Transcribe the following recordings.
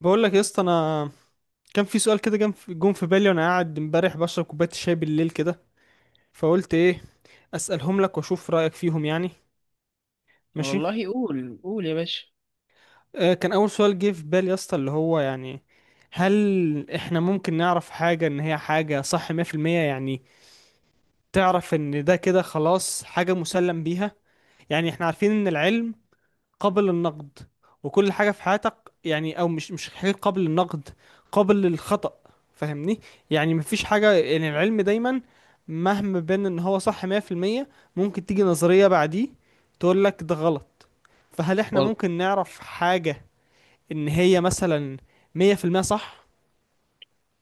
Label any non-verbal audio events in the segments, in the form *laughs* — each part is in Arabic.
بقول لك يا اسطى انا كان في سؤال كده جم في بالي وانا قاعد امبارح بشرب كوبايه الشاي بالليل كده فقلت ايه اسالهم لك واشوف رايك فيهم يعني ماشي. والله قول يا باشا. آه، كان اول سؤال جه في بالي يا اسطى اللي هو يعني هل احنا ممكن نعرف حاجه ان هي حاجه صح 100% يعني تعرف ان ده كده خلاص حاجه مسلم بيها. يعني احنا عارفين ان العلم قابل للنقد، وكل حاجة في حياتك يعني او مش حاجة قابل للنقد، قابل للخطأ. فاهمني، يعني مفيش حاجة، يعني العلم دايما مهما بان ان هو صح 100% ممكن تيجي نظرية بعديه تقول لك ده غلط. فهل احنا وال... ممكن نعرف حاجة ان هي مثلا 100% صح؟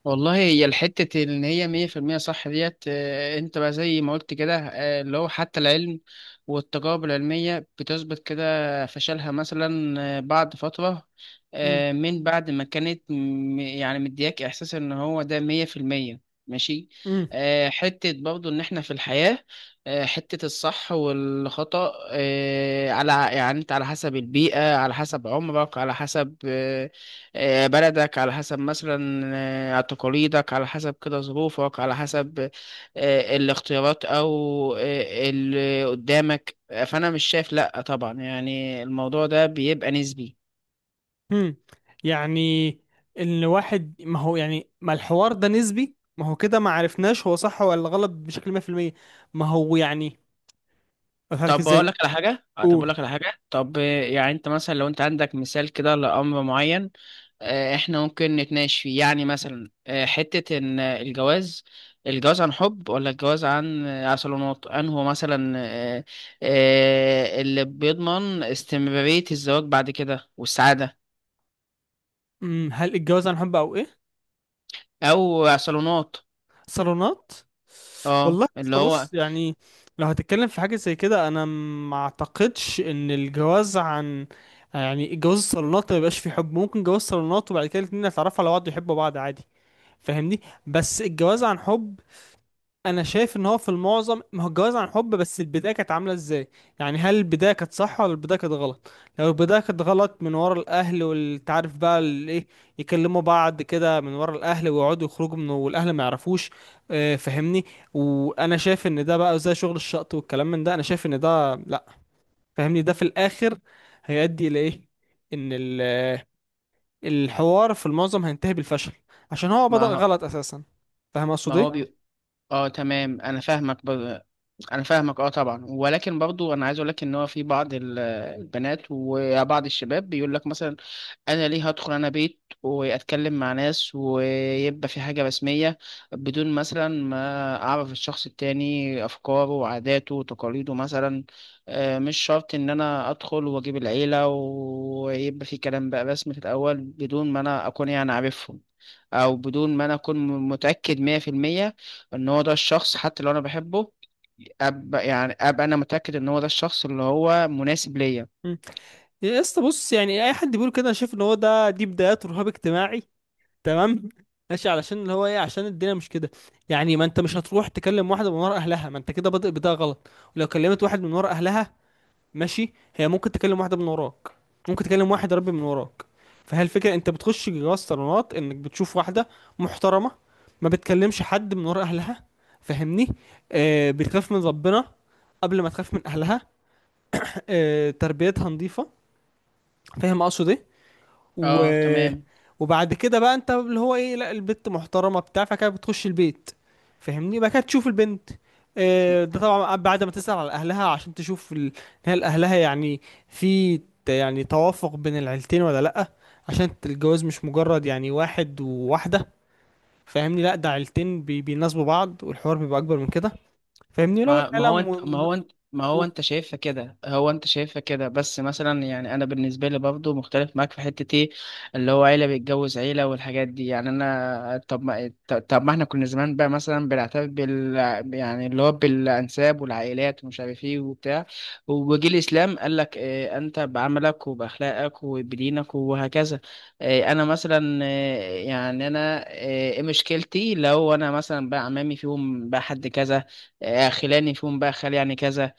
والله هي الحتة إن هي مية في المية صح ديت، أنت بقى زي ما قلت كده. اللي هو حتى العلم والتجارب العلمية بتثبت كده فشلها مثلا بعد فترة، مم. من بعد ما كانت مدياك إحساس إن هو ده مية في المية. ماشي. مم. حتة برضو إن إحنا في الحياة، حتة الصح والخطأ، آه، على يعني أنت على حسب البيئة، على حسب عمرك، على حسب بلدك، على حسب مثلا تقاليدك، على حسب كده ظروفك، على حسب الاختيارات او اللي قدامك. فانا مش شايف، لا طبعا، يعني الموضوع ده بيبقى نسبي. مم. يعني ان واحد، ما هو يعني ما الحوار ده نسبي، ما هو كده ما عرفناش هو صح ولا غلط بشكل 100%. ما هو يعني اضحك طب بقول ازاي. لك على حاجه آه، طب بقول قول. لك على حاجه طب آه، يعني انت مثلا لو انت عندك مثال كده لامر معين. احنا ممكن نتناقش فيه. يعني مثلا حتة ان الجواز عن حب، ولا الجواز عن عن صالونات، انه مثلا اللي بيضمن استمرارية الزواج بعد كده والسعادة. هل الجواز عن حب او ايه؟ او صالونات. صالونات. اه والله اللي بص هو. بص، يعني لو هتتكلم في حاجه زي كده انا ما اعتقدش ان الجواز عن، يعني الجواز الصالونات ما بيبقاش فيه حب. ممكن جواز صالونات وبعد كده الاتنين يتعرفوا على بعض ويحبوا بعض عادي. فاهمني؟ بس الجواز عن حب، انا شايف ان هو في المعظم، ما هو الجواز عن حب، بس البدايه كانت عامله ازاي. يعني هل البدايه كانت صح ولا البدايه كانت غلط؟ لو البدايه كانت غلط من ورا الاهل، والتعرف بقى الايه، يكلموا بعض كده من ورا الاهل ويقعدوا يخرجوا منه والاهل ما يعرفوش، فاهمني، وانا شايف ان ده بقى زي شغل الشقط والكلام من ده. انا شايف ان ده لا. فاهمني، ده في الاخر هيؤدي الى ايه؟ ان الحوار في المعظم هينتهي بالفشل، عشان هو بدأ ما هو غلط اساسا. فاهم اقصد ما هو بي... اه تمام، انا انا فاهمك. اه طبعا، ولكن برضو انا عايز اقول لك ان هو في بعض البنات وبعض الشباب بيقول لك مثلا، انا ليه هدخل انا بيت واتكلم مع ناس ويبقى في حاجة رسمية بدون مثلا ما اعرف الشخص التاني افكاره وعاداته وتقاليده مثلا. مش شرط ان انا ادخل واجيب العيلة ويبقى في كلام بقى رسمي في الاول بدون ما انا اكون يعني عارفهم، او بدون ما انا اكون متأكد مية في المية ان هو ده الشخص. حتى لو انا بحبه، ابقى انا متأكد ان هو ده الشخص اللي هو مناسب ليا. ايه يا اسطى؟ بص، يعني اي حد بيقول كده انا شايف ان هو ده، دي بدايات رهاب اجتماعي. تمام؟ ماشي، علشان اللي هو ايه، عشان الدنيا مش كده. يعني ما انت مش هتروح تكلم واحده من ورا اهلها، ما انت كده بادئ بدايه غلط. ولو كلمت واحد من ورا اهلها، ماشي، هي ممكن تكلم واحده من وراك، ممكن تكلم واحد يا ربي من وراك. فهي الفكره، انت بتخش جواز صالونات انك بتشوف واحده محترمه، ما بتكلمش حد من ورا اهلها، فاهمني، آه، بتخاف من ربنا قبل ما تخاف من اهلها، آه، تربيتها نظيفه. فاهم اقصد ايه؟ و... اه تمام. وبعد كده بقى، انت اللي هو ايه، لا البت محترمه بتاع، فكانت بتخش البيت. فاهمني؟ بقى كانت تشوف البنت، آه، ده طبعا بعد ما تسأل على اهلها عشان تشوف هل اهلها يعني في يعني توافق بين العيلتين ولا لا. عشان الجواز مش مجرد يعني واحد وواحده، فاهمني، لا ده عيلتين بيناسبوا بعض، والحوار بيبقى اكبر من كده. فاهمني لو ما ما العيله هو انت ما هو انت ما هو م... انت شايفها كده. هو انت شايفها كده، بس مثلا يعني انا بالنسبه لي برضو مختلف معاك في حته ايه، اللي هو عيله بيتجوز عيله والحاجات دي. يعني انا، طب ما احنا كنا زمان بقى مثلا بنعترف بال، يعني اللي هو بالانساب والعائلات ومش عارف ايه وبتاع، وجي الاسلام قال لك اه انت بعملك وباخلاقك وبدينك وهكذا. اه انا مثلا اه، يعني انا اه، ايه مشكلتي لو انا مثلا بقى عمامي فيهم بقى حد كذا، خلاني فيهم بقى خال يعني كذا،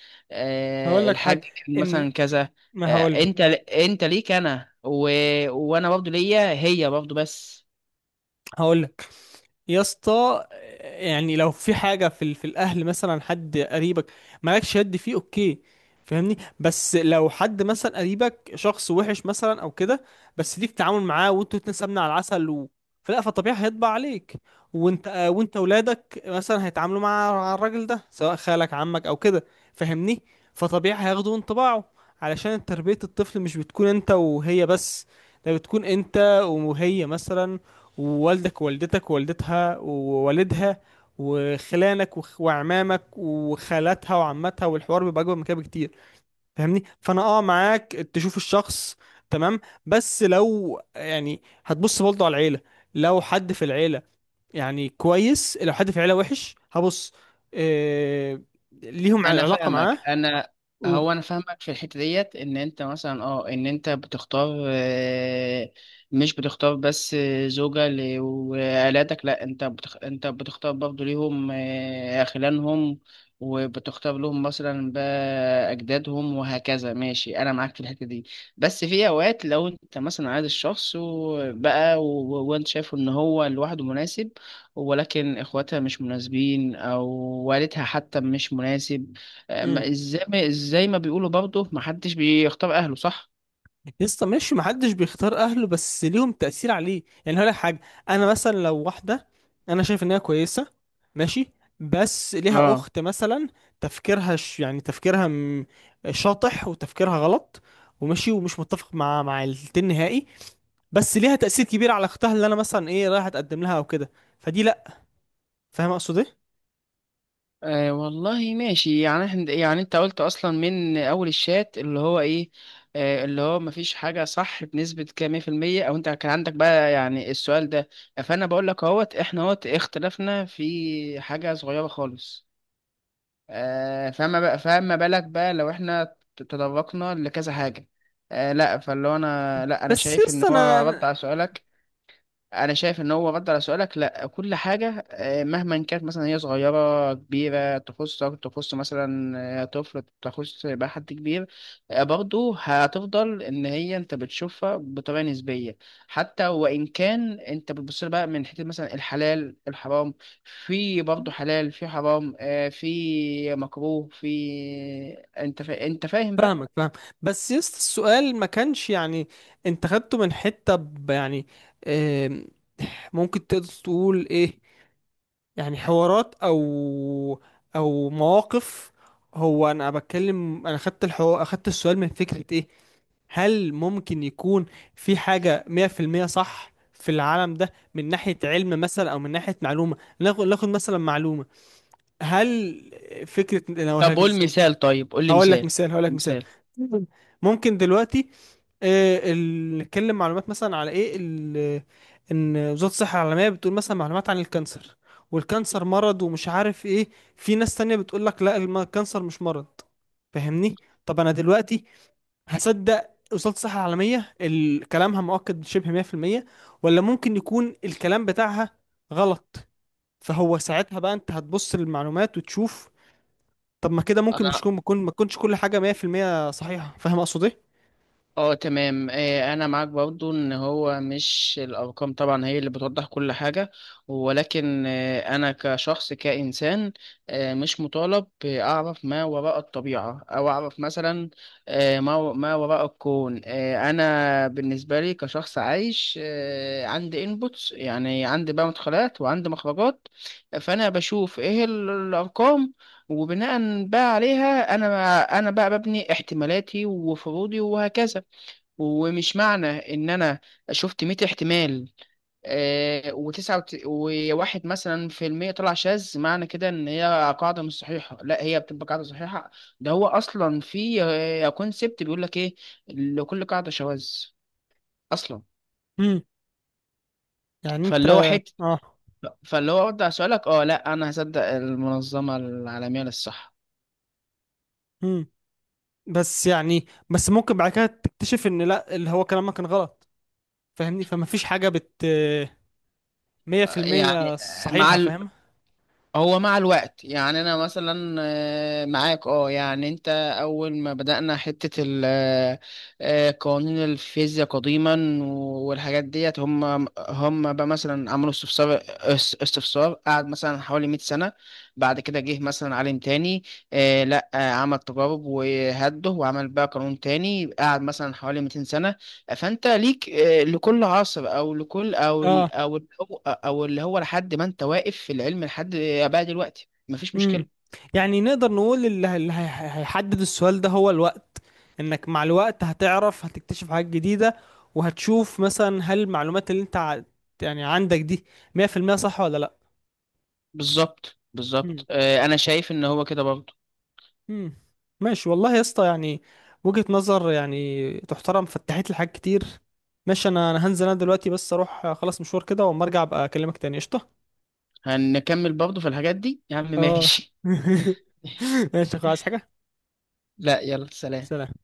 هقول لك حاجه، الحاج كان ان، مثلا كذا. ما آه، هقول، انت انت ليك انا وانا برضه ليا هي برضه بس. هقول يا اسطى، يعني لو في حاجة في في الأهل، مثلا حد قريبك مالكش يد فيه، أوكي، فاهمني. بس لو حد مثلا قريبك شخص وحش مثلا أو كده، بس ليك تعامل معاه وانتوا الاتنين سمنة على العسل و... فلا، فطبيعي هيطبع عليك. وانت وانت ولادك مثلا هيتعاملوا مع الراجل ده سواء خالك عمك أو كده، فاهمني، فطبيعي هياخدوا انطباعه. علشان تربية الطفل مش بتكون انت وهي بس، ده بتكون انت وهي مثلا، ووالدك ووالدتك ووالدتها ووالدها، وخلانك وعمامك وخالاتها وعماتها، والحوار بيبقى اكبر من كده بكتير. فاهمني؟ فانا اه معاك تشوف الشخص، تمام، بس لو يعني هتبص برضه على العيله. لو حد في العيله، يعني كويس، لو حد في العيله وحش هبص، إيه، ليهم انا علاقه معاه فاهمك انا. و... هو انا فاهمك في الحته ديت، ان انت مثلا اه ان انت بتختار، مش بتختار بس زوجة وعيالاتك، لا انت انت بتختار برضه ليهم خلانهم، وبتختار لهم مثلا بقى اجدادهم وهكذا. ماشي، انا معاك في الحته دي. بس في اوقات لو انت مثلا عايز الشخص وانت شايف ان هو لوحده مناسب، ولكن اخواتها مش مناسبين، او والدها حتى مش مناسب. آه، مم. ما ازاي ما ازاي ما بيقولوا برضه ما حدش بيختار اهله، صح؟ يسطا ماشي، محدش بيختار اهله، بس ليهم تأثير عليه. يعني هقول لك حاجة، انا مثلا لو واحدة انا شايف ان هي كويسة، ماشي، بس ليها اه. اخت مثلا تفكيرها يعني شاطح وتفكيرها غلط، وماشي ومش متفق مع التين نهائي، بس ليها تأثير كبير على اختها اللي انا مثلا ايه رايح اتقدم لها او كده، فدي لا. فاهم اقصد ايه؟ آه والله ماشي. يعني احنا، يعني انت قلت اصلا من اول الشات اللي هو ايه، آه اللي هو مفيش حاجه صح بنسبه كام مية في المية، او انت كان عندك بقى يعني السؤال ده. فانا بقول لك اهوت احنا اهوت اختلفنا في حاجه صغيره خالص، آه فما بالك بقى لو احنا تدرجنا لكذا حاجه. آه لا، فاللي هو انا، لا انا بس شايف ان يسطا هو رد انا على سؤالك. انا شايف ان هو رد على سؤالك. لا، كل حاجه مهما كانت مثلا هي صغيره كبيره، تخصك، تخص مثلا طفل، تخص بقى حد كبير، برضه هتفضل ان هي انت بتشوفها بطريقه نسبيه. حتى وان كان انت بتبص لها بقى من حته مثلا الحلال الحرام، في برضه حلال، في حرام في مكروه، في، انت فاهم بقى. فاهمك، فاهم، بس يست السؤال ما كانش يعني انت خدته من حتة يعني، آم، ممكن تقدر تقول ايه، يعني حوارات او او مواقف. هو انا بتكلم، انا خدت اخدت السؤال من فكرة ايه، هل ممكن يكون في حاجة 100% صح في العالم ده من ناحية علم مثلا او من ناحية معلومة. ناخد مثلا معلومة، هل فكرة، انا هقولها طب لك. قول مثال، طيب قول لي هقول لك مثال. مثال هقول لك مثال مثال. ممكن دلوقتي، نتكلم معلومات مثلا على ايه ان وزارة الصحة العالمية بتقول مثلا معلومات عن الكانسر، والكانسر مرض ومش عارف ايه. في ناس تانية بتقول لك لا، الكانسر مش مرض. فاهمني؟ طب انا دلوقتي هصدق وزارة الصحة العالمية كلامها مؤكد شبه 100%، ولا ممكن يكون الكلام بتاعها غلط؟ فهو ساعتها بقى انت هتبص للمعلومات وتشوف. طب ما كده ممكن مش انا كون ما ما تكونش كل حاجة 100% صحيحة. فاهم اقصد ايه؟ اه تمام. انا معاك برضو ان هو مش الارقام طبعا هي اللي بتوضح كل حاجة، ولكن انا كشخص كانسان مش مطالب اعرف ما وراء الطبيعة او اعرف مثلا ما وراء الكون. انا بالنسبة لي كشخص عايش عندي انبوتس، يعني عندي بقى مدخلات وعندي مخرجات. فانا بشوف ايه الارقام، وبناء بقى عليها انا بقى ببني احتمالاتي وفروضي وهكذا. ومش معنى ان انا شفت 100 احتمال آه وتسعة وواحد مثلا في المية طلع شاذ، معنى كده ان هي قاعدة مش صحيحة. لا هي بتبقى قاعدة صحيحة. ده هو اصلا في كونسبت بيقول لك ايه، لكل قاعدة شواذ اصلا. امم يعني انت فاللي هو حتة، اه فاللي هو ارد على سؤالك، اه لا انا هصدق المنظمة العالمية للصحة. امم بس يعني، بس ممكن بعد كده تكتشف ان لا، اللي هو كلامك كان غلط. فاهمني، فما فيش حاجة بت 100% يعني، مع، صحيحة. فاهم؟ هو مع الوقت. يعني انا مثلا معاك. اه يعني انت اول ما بدأنا حتة قوانين الفيزياء قديما والحاجات ديت، هم بقى مثلا عملوا استفسار قعد مثلا حوالي 100 سنة. بعد كده جه مثلا عالم تاني آه، لا آه، عمل تجارب وهده وعمل بقى قانون تاني قعد مثلا حوالي 200 سنة. فانت ليك لكل عصر، او لكل، او اه. اللي هو لحد ما انت واقف في العلم لحد بقى دلوقتي مفيش امم مشكله. يعني نقدر نقول اللي هيحدد السؤال ده هو الوقت، انك مع الوقت هتعرف، هتكتشف حاجات جديدة، وهتشوف مثلا هل المعلومات اللي انت يعني عندك دي 100% صح ولا بالظبط لا. بالظبط. انا شايف ان هو كده برضه. مم. ماشي والله يا اسطى، يعني وجهة نظر يعني تحترم، فتحت لي حاجات كتير. ماشي، انا هنزل انا دلوقتي بس اروح اخلص مشوار كده، واما ارجع ابقى اكلمك تاني. قشطة. هنكمل برضه في الحاجات دي يا عم. اه. ماشي. *laughs* *laughs* ماشي خلاص حاجة. لا يلا، سلام. سلام.